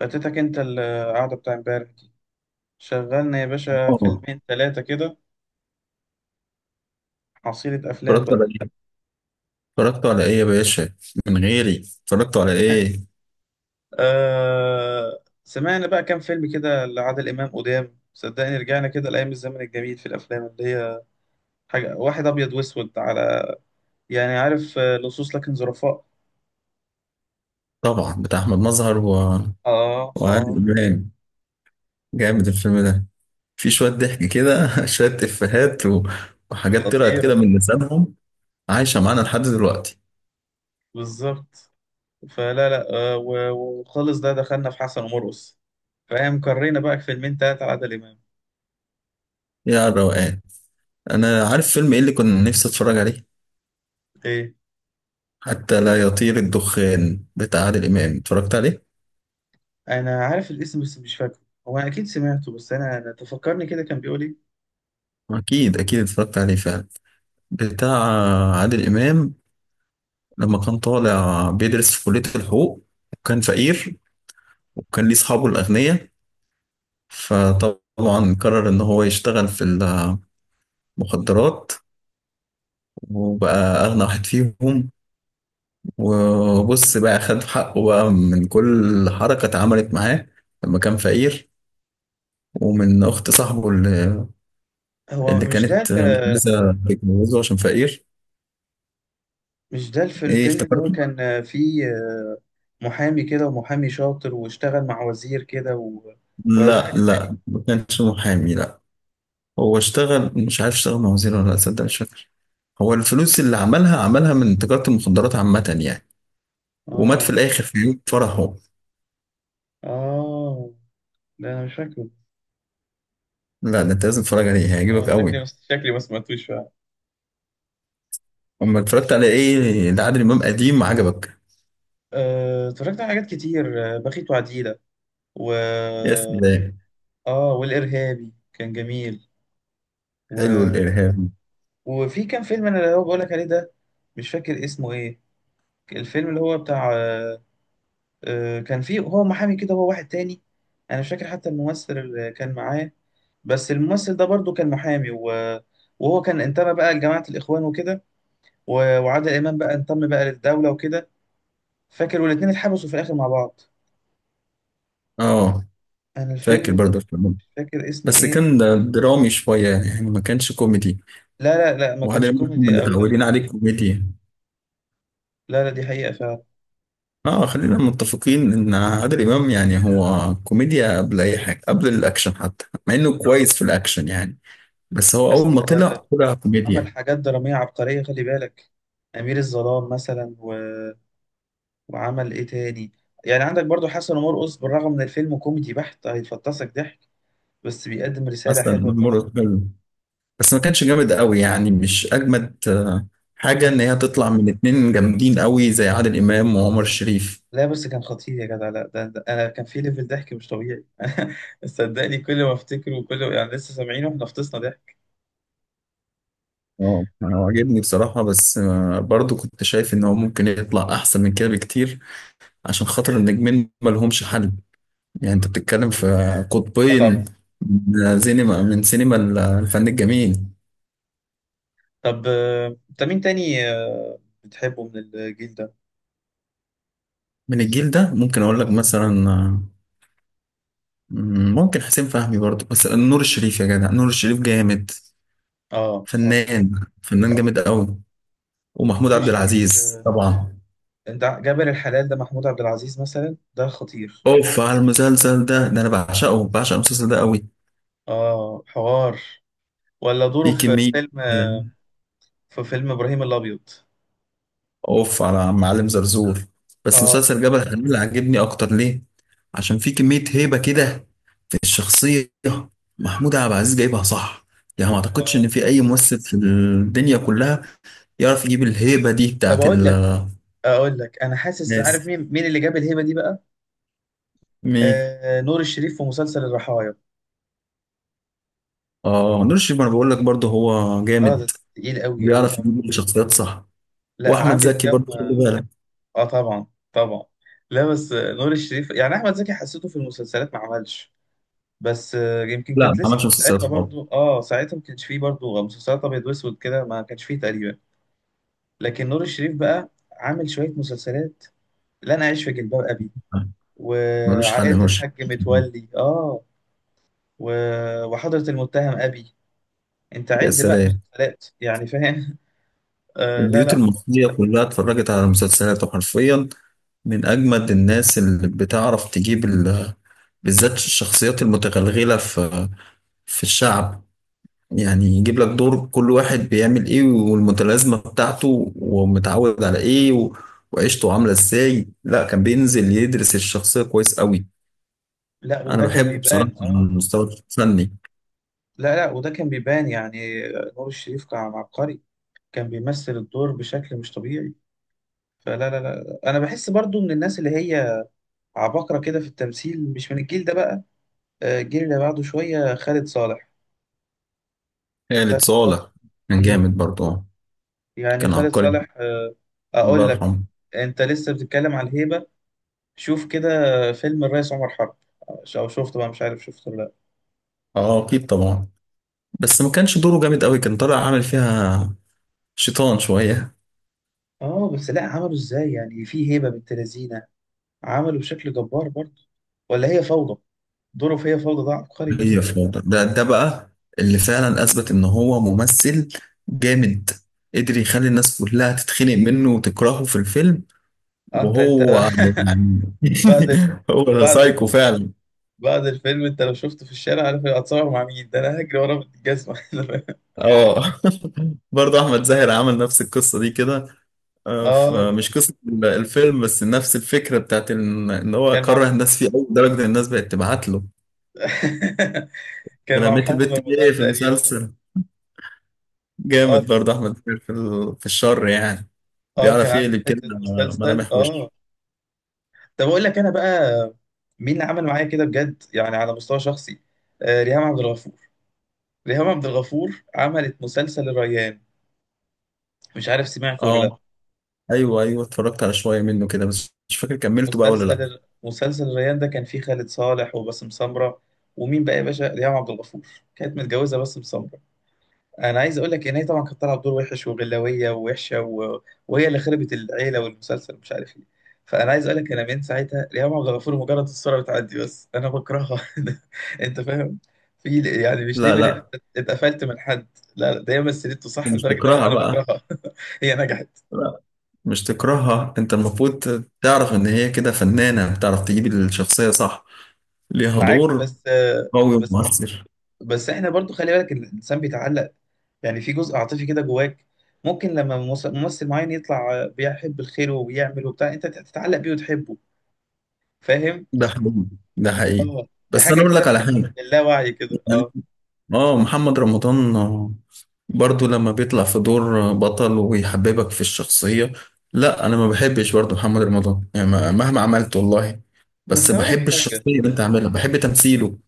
فاتتك انت القعدة بتاع امبارح دي. شغلنا يا باشا اه، فيلمين ثلاثة كده، حصيلة أفلام اتفرجت بقى. على ايه؟ اتفرجت على ايه يا باشا؟ من غيري، اتفرجت على ايه؟ آه سمعنا بقى كام فيلم كده لعادل إمام قدام، صدقني رجعنا كده لأيام الزمن الجميل في الأفلام اللي هي حاجة، واحد أبيض وأسود على يعني عارف، آه، لصوص لكن ظرفاء. طبعا بتاع احمد مظهر و... آه وعادل آه، امام. جامد الفيلم ده. في شويه ضحك كده شويه افيهات و... وحاجات طلعت كده خطيرة. من لسانهم عايشه معانا لحد دلوقتي. بالظبط. فلا لا آه و- وخالص ده دخلنا في حسن ومرقص، فاهم؟ قرينا بقى فيلمين تلاتة لعادل إمام. يا الروقان، انا عارف فيلم ايه اللي كنت نفسي اتفرج عليه؟ إيه؟ حتى لا يطير الدخان بتاع عادل امام، اتفرجت عليه؟ انا عارف الاسم بس مش فاكره. هو انا اكيد سمعته بس انا تفكرني كده كان بيقول ايه. اكيد اكيد اتفرجت عليه فعلا. بتاع عادل امام لما كان طالع بيدرس في كلية الحقوق، وكان فقير، وكان ليه أصحابه الأغنياء. فطبعا قرر إن هو يشتغل في المخدرات، وبقى أغنى واحد فيهم. وبص بقى خد حقه بقى من كل حركة اتعملت معاه لما كان فقير، ومن أخت صاحبه اللي, هو اللي مش ده كانت مش ال- عايزة تتجوزه عشان فقير. مش ده في إيه الفيلم اللي هو افتكرته؟ كان فيه محامي كده ومحامي شاطر واشتغل مع وزير كده و... ولا ده لا حاجة تانية. لا، ما كانش محامي، لا. هو اشتغل، مش عارف اشتغل مع وزير ولا لا، تصدق مش فاكر. هو الفلوس اللي عملها عملها من تجارة المخدرات عامة يعني، ومات في اه، الآخر في يوم فرحه. اه. لا انا مش فاكره. لا ده أنت لازم تتفرج عليه، اه هيعجبك شكلي، قوي. بس شكلي ما سمعتوش فعلا. أما اتفرجت على إيه لعادل إمام قديم عجبك؟ اتفرجت على حاجات كتير، بخيت وعديلة و... يا سلام. اه والارهابي كان جميل حلو و... الإرهاب. وفي كام فيلم انا اللي هو بقولك عليه ده، مش فاكر اسمه ايه. الفيلم اللي هو بتاع كان فيه هو محامي كده هو واحد تاني، انا مش فاكر حتى الممثل اللي كان معاه، بس الممثل ده برضو كان محامي وهو كان انتمى بقى لجماعة الإخوان وكده، وعادل إمام بقى انتمى بقى للدولة وكده. فاكر والاتنين اتحبسوا في الآخر مع بعض. آه، أنا فاكر الفيلم ده برضه الفيلم. مش فاكر اسمه بس إيه. كان ده درامي شوية يعني، ما كانش كوميدي. لا لا لا، ما وعادل كانش إمام كنا كوميدي قوي ده. متعودين عليه كوميديا. لا لا، دي حقيقة فعلا. اه، خلينا متفقين ان عادل امام يعني هو كوميديا قبل اي حاجه، قبل الاكشن، حتى مع انه كويس في الاكشن يعني. بس هو اول بس ما طلع طلع عمل كوميديا. حاجات درامية عبقرية، خلي بالك، أمير الظلام مثلا، وعمل ايه تاني. يعني عندك برضو حسن ومرقص، بالرغم من الفيلم كوميدي بحت هيفطسك ضحك، بس بيقدم رسالة حسن حلوة برضو. مرة فيلم، بس ما كانش جامد قوي يعني، مش اجمد حاجه ان آه. هي تطلع من اتنين جامدين قوي زي عادل امام وعمر الشريف. لا بس كان خطير يا جدع، لا ده, ده انا كان في ليفل ضحك مش طبيعي. صدقني كل ما افتكره وكل يعني لسه سامعينه احنا فطسنا ضحك. اه، انا عاجبني بصراحه، بس برضو كنت شايف ان هو ممكن يطلع احسن من كده بكتير. عشان خاطر النجمين ما لهمش حل. يعني انت بتتكلم في اه طبعا. قطبين، من سينما، من سينما الفن الجميل. طب انت مين تاني بتحبه من الجيل ده؟ من الجيل ده ممكن اقول لك مثلا، ممكن حسين فهمي برضه، بس نور الشريف يا جدع، نور الشريف جامد. اه اه طبعا. فنان، فنان طبعا. جامد قوي. ومحمود نور عبد الشريف، العزيز طبعا. جابر الحلال ده محمود عبد العزيز مثلا ده خطير. اوف على المسلسل ده، ده انا بعشقه، بعشق المسلسل ده قوي. اه حوار. ولا دوره في في كمية فيلم، آه، في فيلم ابراهيم الابيض. اوف على معلم زرزور. بس اه، مسلسل جبل حلمية عجبني اكتر. ليه؟ عشان في كمية هيبة كده في الشخصية. محمود عبد العزيز جايبها صح. يعني ما اعتقدش اه. ان في اي ممثل في الدنيا كلها يعرف يجيب الهيبة دي طب بتاعت اقول لك، اقول لك انا حاسس عارف الناس. مين اللي جاب الهبه دي بقى. مين؟ آه نور الشريف في مسلسل الرحايا. اه نور الشريف، ما انا بقول لك برضه هو اه ده جامد. تقيل قوي قوي بيعرف طبعا. يجيب الشخصيات صح. لا واحمد عامل زكي كام. برضه خلي بالك. اه طبعا. طبعا. لا بس نور الشريف، يعني احمد زكي حسيته في المسلسلات ما عملش. بس آه يمكن لا كانت ما لسه عملش مسلسلات ساعتها خالص. برضو، اه ساعتها ما كانش فيه برضو مسلسلات ابيض واسود كده، ما كانش فيه تقريبا. لكن نور الشريف بقى عامل شويه مسلسلات، لا انا عايش في جلباب ابي، آه، ملوش حل نور وعائلة الشريف. الحاج متولي، اه، و... وحضرة المتهم أبي، انت يا عد بقى سلام. مسلسلات يعني فاهم. آه لا البيوت لا. المصرية كلها اتفرجت على مسلسلاته حرفيا. من أجمد الناس اللي بتعرف تجيب ال... بالذات الشخصيات المتغلغلة في في الشعب. يعني يجيب لك دور كل واحد بيعمل إيه، والمتلازمة بتاعته، ومتعود على إيه و... وعيشته عاملة إزاي. لا كان بينزل يدرس الشخصية كويس قوي. لا أنا وده كان بحبه بصراحة بيبان، على اه. المستوى الفني. لا لا وده كان بيبان يعني، نور الشريف كان عبقري، كان بيمثل الدور بشكل مش طبيعي. فلا لا لا انا بحس برضو من الناس اللي هي عباقرة كده في التمثيل، مش من الجيل ده بقى، الجيل اللي بعده شوية، خالد صالح. خالد خالد صالح. صالح كان مم. جامد برضه، يعني كان خالد عبقري، صالح، الله اقول لك، يرحمه. انت لسه بتتكلم على الهيبة، شوف كده فيلم الريس عمر حرب. او شفته بقى، مش عارف شفته ولا لا؟ اه اكيد طبعا. بس ما كانش دوره جامد قوي، كان طالع عامل فيها شيطان شوية. اه، بس لا عملوا ازاي يعني في هيبه بنت لذينه، عملوا بشكل جبار برضه. ولا هي فوضى، دوره في هي فوضى ده عبقري برضه. هي فاضل ده، ده بقى اللي فعلا اثبت ان هو ممثل جامد. قدر يخلي الناس كلها تتخنق منه وتكرهه في الفيلم، انت وهو يعني بعد ال... هو ده بعد ال... سايكو فعلا. بعد الفيلم انت لو شفته في الشارع، عارف هتصور مع مين؟ ده انا هجري ورا الجزمه. اه برضه احمد زاهر عمل نفس القصه دي كده. اه، فمش قصه الفيلم، بس نفس الفكره بتاعت ان إن هو كان مع كره الناس فيه قوي لدرجه ان الناس بقت تبعت له. كان مع رميت محمد البت دي رمضان في تقريبا. المسلسل، اه جامد كان- برضه احمد زاهر في في الشر يعني. اه كان بيعرف عامل يقلب كده حته مسلسل، ملامح اه. وش. طب اقول لك انا بقى، مين اللي عمل معايا كده بجد يعني على مستوى شخصي؟ ريهام عبد الغفور. ريهام عبد الغفور عملت مسلسل الريان، مش عارف سمعت ولا لا؟ اه ايوه ايوه، اتفرجت على شويه منه كده، بس مش فاكر كملته بقى ولا لا. مسلسل الريان ده كان فيه خالد صالح وباسم سمرة ومين بقى يا باشا، ريهام عبد الغفور، كانت متجوزة باسم سمرة. انا عايز اقول لك ان هي طبعا كانت طالعه بدور وحش وغلاويه ووحشه و... وهي اللي خربت العيله والمسلسل مش عارف ايه. فانا عايز اقول لك، انا من ساعتها ريهام عبد الغفور مجرد الصوره بتعدي بس انا بكرهها. انت فاهم؟ في يعني مش لا ليفل إن لا، انت اتقفلت من حد، لا لا، ده هي مثلته صح مش لدرجه ان انا تكرهها أنا بقى. بكرهها. هي نجحت لا مش تكرهها، انت المفروض تعرف ان هي كده فنانه، بتعرف تجيب الشخصيه صح. ليها معاك. دور قوي بس ومؤثر. بس احنا برضو خلي بالك إن الانسان بيتعلق، يعني في جزء عاطفي كده جواك، ممكن لما ممثل معين يطلع بيحب الخير وبيعمل وبتاع انت تتعلق بيه وتحبه، فاهم؟ ده حقيقي، ده حقيقي. اه دي بس انا حاجه اقول لك كده، على حاجه. اللاوعي كده، اه. اه محمد رمضان، برضو لما بيطلع في دور بطل ويحببك في الشخصية. لا انا ما بحبش برضو محمد رمضان يعني، مهما عملت والله. بس بس هقول لك بحب حاجه، الشخصية اللي انت عاملها، بحب تمثيله.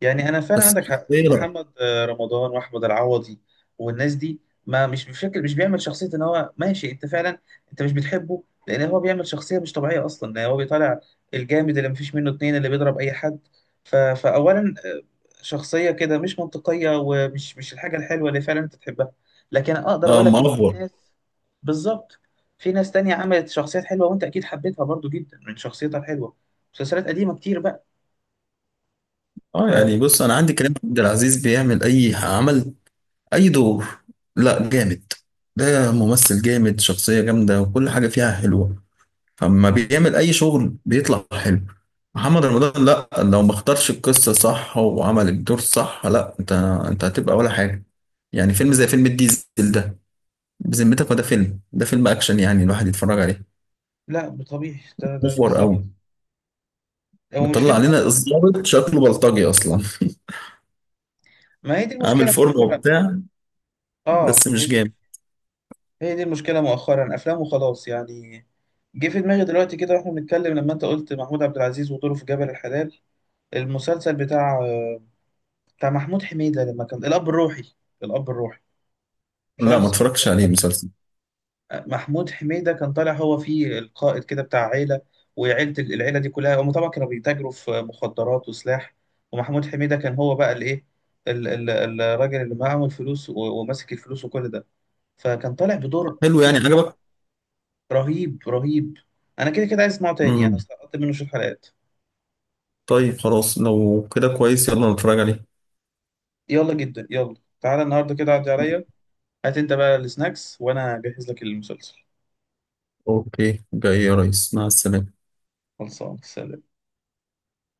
يعني انا فعلا بس عندك حق، الشخصية لا. محمد رمضان واحمد العوضي والناس دي، ما مش فاكر، مش بيعمل شخصيه ان هو ماشي، انت فعلا انت مش بتحبه لان هو بيعمل شخصيه مش طبيعيه اصلا، لان هو بيطلع الجامد اللي مفيش منه اتنين، اللي بيضرب اي حد. فاولا شخصيه كده مش منطقيه، ومش مش الحاجه الحلوه اللي فعلا انت تحبها. لكن اقدر اه اقول لك ان في مأفور. ناس، بالظبط، في ناس تانية عملت شخصيات حلوه وانت اكيد حبيتها برضو جدا من شخصيتها الحلوه، مسلسلات قديمه كتير بقى. اه ف يعني بص، انا عندي كريم عبد العزيز بيعمل اي عمل، اي دور. لا جامد، ده ممثل جامد، شخصية جامدة وكل حاجة فيها حلوة. فلما بيعمل اي شغل بيطلع حلو. محمد رمضان لا، لو ما اختارش القصه صح وعمل الدور صح، لا انت، انت هتبقى ولا حاجه. يعني فيلم زي فيلم الديزل ده، بذمتك ما ده فيلم؟ ده فيلم اكشن يعني الواحد يتفرج عليه. لا طبيعي، ده محور بالظبط، قوي، هو مش مطلع فيلم علينا أصلا. الضابط شكله بلطجي اصلا. ما هي دي عامل المشكلة فورمه مؤخرا. وبتاع، اه بس مش جامد. هي دي المشكلة مؤخرا، أفلام وخلاص يعني. جه في دماغي دلوقتي كده واحنا بنتكلم، لما أنت قلت محمود عبد العزيز ودوره في جبل الحلال. المسلسل بتاع محمود حميدة لما كان الأب الروحي، الأب الروحي، مش لا عارف ما سمعته اتفرجتش ولا عليه لأ؟ المسلسل. محمود حميدة كان طالع هو فيه القائد كده بتاع عيلة، العيلة دي كلها هم طبعا كانوا بيتاجروا في مخدرات وسلاح، ومحمود حميدة كان هو بقى الايه، الراجل اللي معاه الفلوس وماسك الفلوس وكل ده، فكان طالع بدور حلو يعني فيه عجبك؟ رهيب، رهيب. انا كده كده عايز اسمعه تاني، انا امم سقطت منه شوية حلقات. طيب خلاص، لو كده كويس يلا نتفرج عليه. يلا جدا يلا، تعالى النهارده كده عدي عليا، هات انت بقى السناكس وانا اجهز لك المسلسل. اوكي جاي يا ريس، مع السلامه. خلصان، سلام.